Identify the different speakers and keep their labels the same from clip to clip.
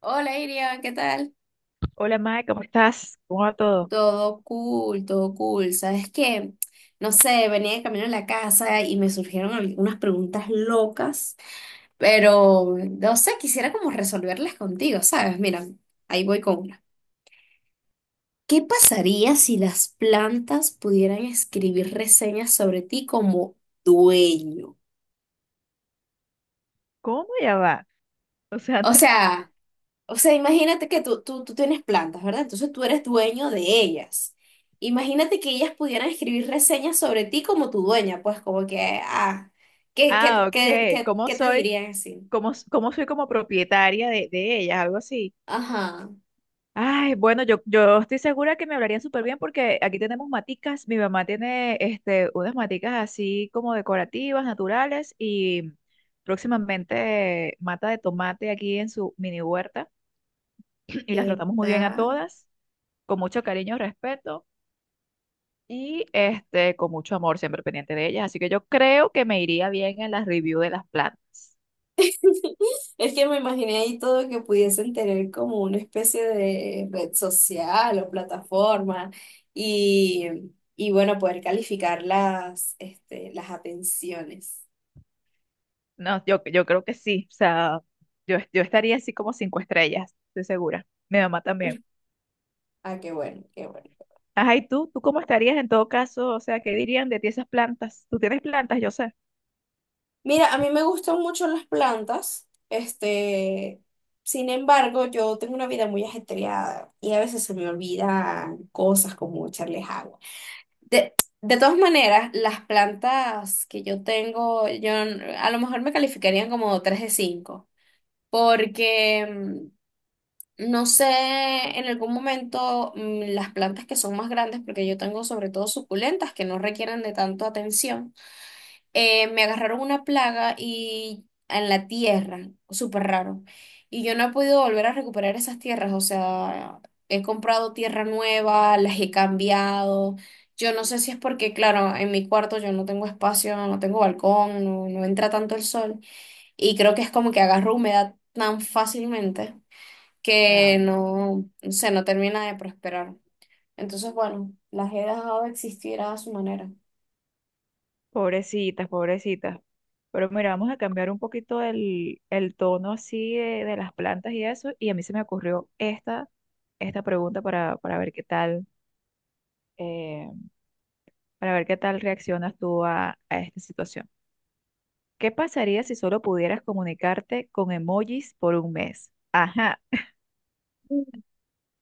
Speaker 1: Hola Irian, ¿qué tal?
Speaker 2: Hola, Mae, ¿cómo estás? ¿Cómo va todo?
Speaker 1: Todo cool, todo cool. ¿Sabes qué? No sé, venía de camino a la casa y me surgieron algunas preguntas locas, pero no sé, quisiera como resolverlas contigo, ¿sabes? Mira, ahí voy con una. ¿Qué pasaría si las plantas pudieran escribir reseñas sobre ti como dueño?
Speaker 2: ¿Cómo ya va? O sea,
Speaker 1: O sea, o sea, imagínate que tú tienes plantas, ¿verdad? Entonces tú eres dueño de ellas. Imagínate que ellas pudieran escribir reseñas sobre ti como tu dueña, pues como que, ah, ¿qué, qué,
Speaker 2: ah,
Speaker 1: qué,
Speaker 2: ok.
Speaker 1: qué,
Speaker 2: ¿Cómo
Speaker 1: qué te
Speaker 2: soy?
Speaker 1: dirían así?
Speaker 2: ¿Cómo, cómo soy como propietaria de ellas? Algo así.
Speaker 1: Ajá,
Speaker 2: Ay, bueno, yo estoy segura que me hablarían súper bien porque aquí tenemos maticas. Mi mamá tiene unas maticas así como decorativas, naturales y próximamente mata de tomate aquí en su mini huerta y las
Speaker 1: ¿qué
Speaker 2: tratamos muy bien a
Speaker 1: tal?
Speaker 2: todas, con mucho cariño y respeto. Y con mucho amor, siempre pendiente de ellas. Así que yo creo que me iría bien en las review de las plantas.
Speaker 1: Es que me imaginé ahí todo que pudiesen tener como una especie de red social o plataforma y, y bueno, poder calificar las, este, las atenciones.
Speaker 2: No, yo creo que sí. O sea, yo estaría así como cinco estrellas, estoy segura. Mi mamá también.
Speaker 1: Ah, qué bueno, qué bueno.
Speaker 2: Ajá, ¿y tú? ¿Tú cómo estarías en todo caso? O sea, ¿qué dirían de ti esas plantas? Tú tienes plantas, yo sé.
Speaker 1: Mira, a mí me gustan mucho las plantas, este, sin embargo, yo tengo una vida muy ajetreada y a veces se me olvidan cosas como echarles agua. De, de todas maneras, las plantas que yo tengo, yo n- a lo mejor me calificarían como 3 de 5, porque no sé, en algún momento las plantas que son más grandes, porque yo tengo sobre todo suculentas que no requieren de tanto atención me agarraron una plaga y en la tierra, súper raro. Y yo no he podido volver a recuperar esas tierras, o sea, he comprado tierra nueva, las he cambiado. Yo no sé si es porque, claro, en mi cuarto yo no tengo espacio, no tengo balcón, no, no entra tanto el sol. Y creo que es como que agarro humedad tan fácilmente que
Speaker 2: Ay,
Speaker 1: no, no sé, no termina de prosperar. Entonces, bueno, las he dejado de existir a su manera.
Speaker 2: pobrecitas, pobrecitas. Pero mira, vamos a cambiar un poquito el tono así de las plantas y eso. Y a mí se me ocurrió esta pregunta para ver qué tal. eh, para ver qué tal reaccionas tú a esta situación. ¿Qué pasaría si solo pudieras comunicarte con emojis por un mes? Ajá,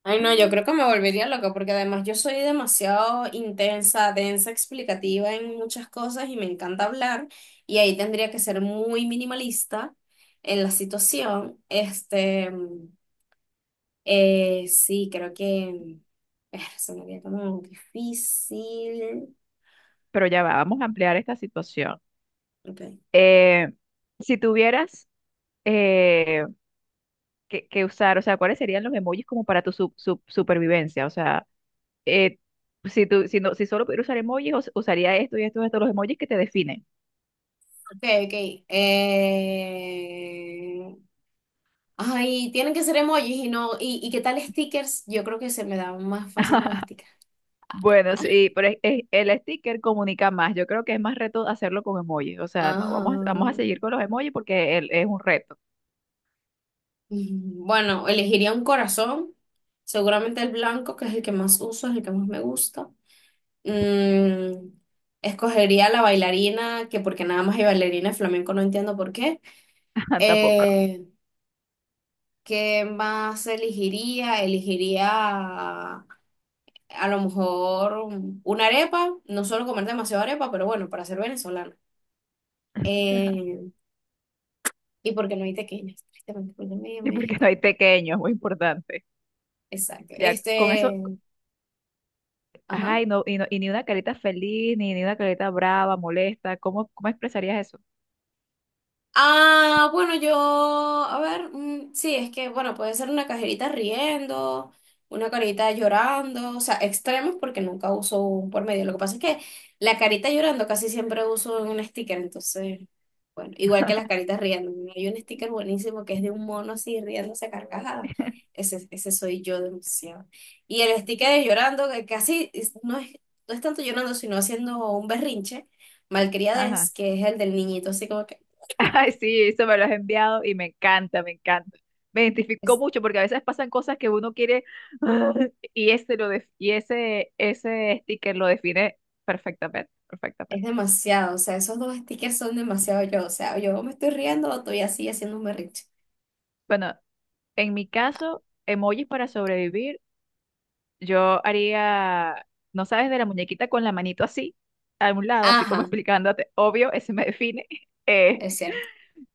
Speaker 1: Ay, no, yo creo que me volvería loca porque además yo soy demasiado intensa, densa, explicativa en muchas cosas y me encanta hablar y ahí tendría que ser muy minimalista en la situación. Este, sí, creo que se me haría como difícil.
Speaker 2: pero ya va, vamos a ampliar esta situación.
Speaker 1: Ok, ok,
Speaker 2: Eh, si tuvieras eh, que usar, o sea, ¿cuáles serían los emojis como para tu supervivencia? O sea, eh, si, tú, si, no, si solo pudiera usar emojis, usaría esto y esto y esto, los emojis que te definen.
Speaker 1: ok. Eh, ay, tienen que ser emojis y no, y ¿qué tal stickers? Yo creo que se me dan más fácil los stickers.
Speaker 2: Bueno, sí, pero el sticker comunica más. Yo creo que es más reto hacerlo con emojis. O sea, no,
Speaker 1: Ajá.
Speaker 2: vamos a seguir con los emojis porque es un reto.
Speaker 1: Bueno, elegiría un corazón. Seguramente el blanco, que es el que más uso, es el que más me gusta. Mm, escogería la bailarina, que porque nada más hay bailarina de flamenco, no entiendo por qué.
Speaker 2: Tampoco.
Speaker 1: Eh, ¿Qué más elegiría? Elegiría a lo mejor una arepa. No suelo comer demasiado arepa, pero bueno, para ser venezolana. Eh, y porque no hay tequeñas, tristemente, porque
Speaker 2: Y
Speaker 1: me dije
Speaker 2: porque no hay
Speaker 1: tequeñas.
Speaker 2: pequeño, es muy importante.
Speaker 1: Exacto.
Speaker 2: Ya, con eso,
Speaker 1: Este, ajá.
Speaker 2: ay, no, y no, y ni una carita feliz, ni una carita brava, molesta. ¿Cómo expresarías eso?
Speaker 1: Ah, bueno, yo, a ver, mm, sí, es que, bueno, puede ser una cajerita riendo, una carita llorando, o sea, extremos porque nunca uso un por medio. Lo que pasa es que la carita llorando casi siempre uso un sticker, entonces, bueno, igual que las caritas riendo, ¿no? Hay un sticker buenísimo que es de un mono así riéndose a carcajada. Ese soy yo demasiado. Y el sticker de llorando, que no es, no es tanto llorando, sino haciendo un berrinche,
Speaker 2: Ajá.
Speaker 1: malcriadez, que es el del niñito, así como que.
Speaker 2: Ay, sí, eso me lo has enviado y me encanta, me encanta. Me identificó mucho porque a veces pasan cosas que uno quiere ah, y ese sticker lo define perfectamente,
Speaker 1: Es
Speaker 2: perfectamente.
Speaker 1: demasiado, o sea, esos dos stickers son demasiado yo, o sea, yo me estoy riendo o estoy así haciendo un berrinche.
Speaker 2: Bueno, en mi caso, emojis para sobrevivir, yo haría, no sabes, de la muñequita con la manito así, a un lado, así como
Speaker 1: Ajá,
Speaker 2: explicándote, obvio, ese me define. Eh,
Speaker 1: es cierto.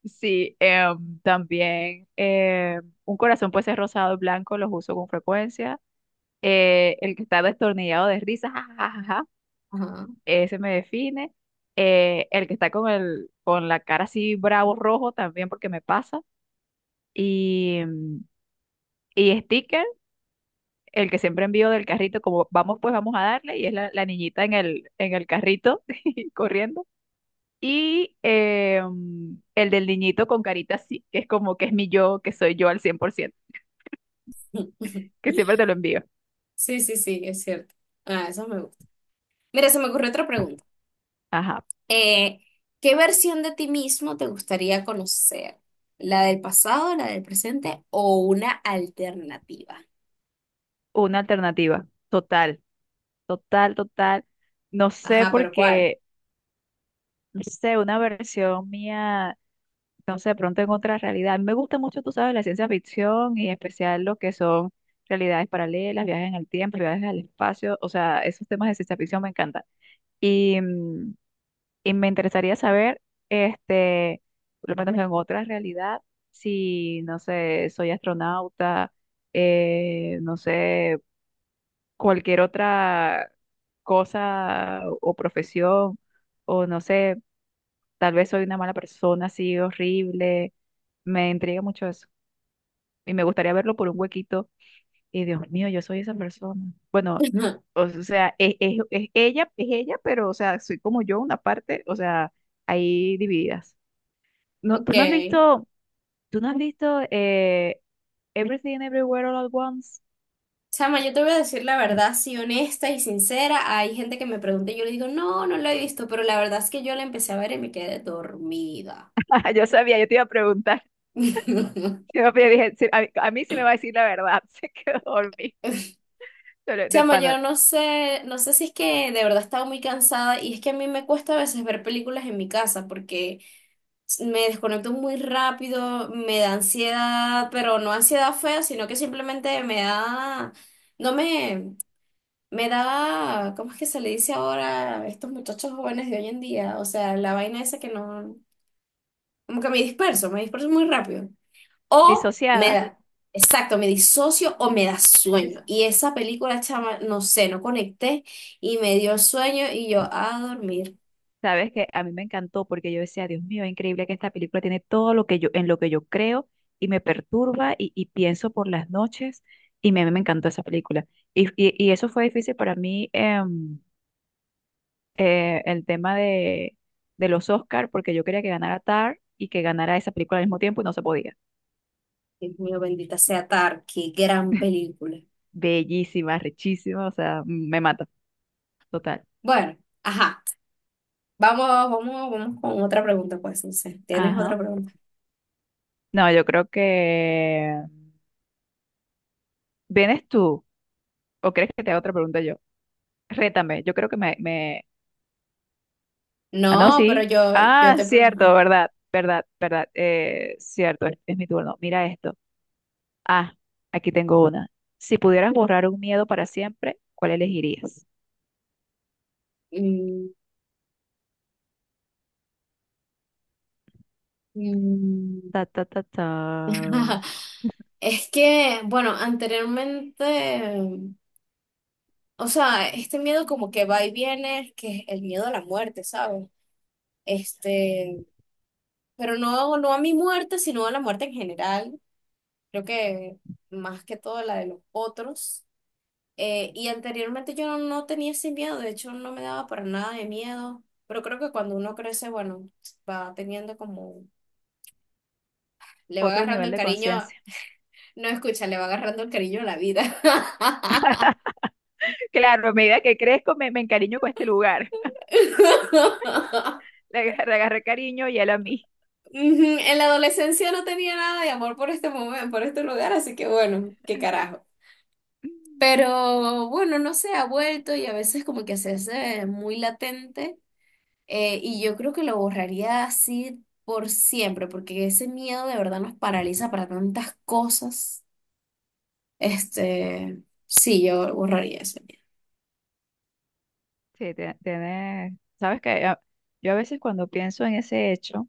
Speaker 2: sí, también un corazón puede ser rosado y blanco, los uso con frecuencia. El que está destornillado de risa, ja, ja, ja, ja, ja,
Speaker 1: Ajá.
Speaker 2: ese me define. El que está con la cara así bravo rojo también porque me pasa, y, mm, y sticker, el que siempre envío del carrito, como vamos pues vamos a darle, y es la niñita en el carrito corriendo. Y el del niñito con carita así, que es como que es mi yo, que soy yo al 100% que siempre te lo envío.
Speaker 1: Sí, sí, sí, es cierto. Ah, eso me gusta. Mira, se me ocurrió otra pregunta.
Speaker 2: Ajá,
Speaker 1: Eh, ¿Qué versión de ti mismo te gustaría conocer? ¿La del pasado, la del presente o una alternativa?
Speaker 2: una alternativa total. Total, total. No sé
Speaker 1: Ajá, pero ¿cuál?
Speaker 2: porque, no sé, una versión mía, no sé, de pronto en otra realidad. A mí me gusta mucho, tú sabes, la ciencia ficción y en especial lo que son realidades paralelas, viajes en el tiempo, viajes al espacio. O sea, esos temas de ciencia ficción me encantan. Y, mm, y me interesaría saber, este, por lo menos en otra realidad, si, no sé, soy astronauta, no sé. Cualquier otra cosa o profesión, o no sé, tal vez soy una mala persona así horrible, me intriga mucho eso. Y me gustaría verlo por un huequito, y Dios mío, yo soy esa persona. Bueno, o sea, es ella, es ella, pero o sea, soy como yo, una parte, o sea, ahí divididas. No,
Speaker 1: Ok.
Speaker 2: tú no has visto, tú no has visto eh, Everything Everywhere All at Once.
Speaker 1: Chama, yo te voy a decir la verdad, sí, honesta y sincera. Hay gente que me pregunta y yo le digo, no, no la he visto, pero la verdad es que yo la empecé a ver y me quedé dormida.
Speaker 2: Yo sabía, yo te iba a preguntar. Yo dije, sí, mí a mí sí me va a decir la verdad, se quedó dormida, pero de
Speaker 1: Chama, yo
Speaker 2: pana,
Speaker 1: no sé, no sé si es que de verdad estaba muy cansada y es que a mí me cuesta a veces ver películas en mi casa porque me desconecto muy rápido, me da ansiedad, pero no ansiedad fea, sino que simplemente me da, no me, me da, ¿cómo es que se le dice ahora a estos muchachos jóvenes de hoy en día? O sea, la vaina esa que no, como que me disperso muy rápido. O me
Speaker 2: disociada.
Speaker 1: da, exacto, me disocio o me da sueño.
Speaker 2: Es-
Speaker 1: Y esa película, chama, no sé, no conecté y me dio sueño y yo a dormir.
Speaker 2: Sabes que a mí me encantó porque yo decía, Dios mío, es increíble que esta película tiene todo lo que en lo que yo creo y me perturba y pienso por las noches y me encantó esa película. Y eso fue difícil para mí, el tema de los Oscar, porque yo quería que ganara Tar y que ganara esa película al mismo tiempo y no se podía.
Speaker 1: Dios mío, bendita sea Tar, qué gran película.
Speaker 2: Bellísima, richísima, o sea, me mata, total.
Speaker 1: Bueno, ajá. Vamos con otra pregunta, pues, no sé. ¿Tienes
Speaker 2: Ajá.
Speaker 1: otra pregunta?
Speaker 2: No, yo creo que... ¿Vienes tú? ¿O crees que te haga otra pregunta yo? Rétame, yo creo que me... Ah, no,
Speaker 1: No, pero
Speaker 2: sí.
Speaker 1: yo,
Speaker 2: Ah, cierto,
Speaker 1: ajá.
Speaker 2: verdad, verdad, verdad. Cierto, es mi turno. Mira esto. Ah, aquí tengo una. Si pudieras borrar un miedo para siempre, ¿cuál elegirías?
Speaker 1: Mm, mm.
Speaker 2: Ta, ta, ta, ta.
Speaker 1: Es que, bueno, anteriormente, o sea, este miedo como que va y viene, que es el miedo a la muerte, ¿sabes? Este, pero no, no a mi muerte, sino a la muerte en general. Creo que más que todo la de los otros. Y anteriormente yo no, no tenía ese miedo, de hecho no me daba para nada de miedo, pero creo que cuando uno crece, bueno, va teniendo como, le va
Speaker 2: Otro
Speaker 1: agarrando
Speaker 2: nivel
Speaker 1: el
Speaker 2: de
Speaker 1: cariño,
Speaker 2: conciencia.
Speaker 1: no escucha, le va agarrando el cariño a la vida.
Speaker 2: Claro, a medida que crezco, me encariño con este lugar. Le agarré cariño y él a mí.
Speaker 1: Ujú. En la adolescencia no tenía nada de amor por este momento, por este lugar, así que bueno, qué carajo. Pero bueno, no sé, ha vuelto y a veces como que se hace muy latente y yo creo que lo borraría así por siempre, porque ese miedo de verdad nos paraliza para tantas cosas. Este, sí, yo borraría eso.
Speaker 2: Sí, tiene, sabes que yo a veces cuando pienso en ese hecho,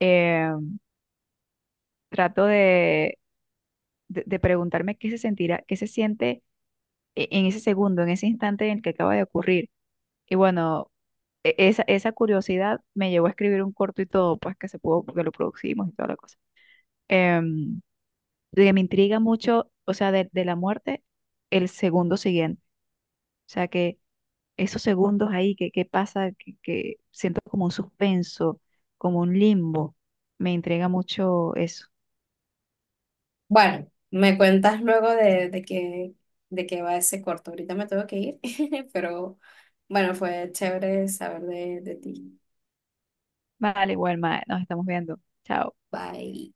Speaker 2: eh, trato de preguntarme qué se sentirá, qué se siente en ese segundo, en ese instante en el que acaba de ocurrir. Y bueno, esa curiosidad me llevó a escribir un corto y todo, pues que se pudo, porque lo producimos y toda la cosa. Em, de que me intriga mucho, o sea, de la muerte, el segundo siguiente. O sea, esos segundos ahí que pasa, que siento como un suspenso, como un limbo, me entrega mucho eso.
Speaker 1: Bueno, me cuentas luego de que va ese corto. Ahorita me tengo que ir, pero bueno, fue chévere saber de ti.
Speaker 2: Vale, Wilma, nos estamos viendo. Chao.
Speaker 1: Bye.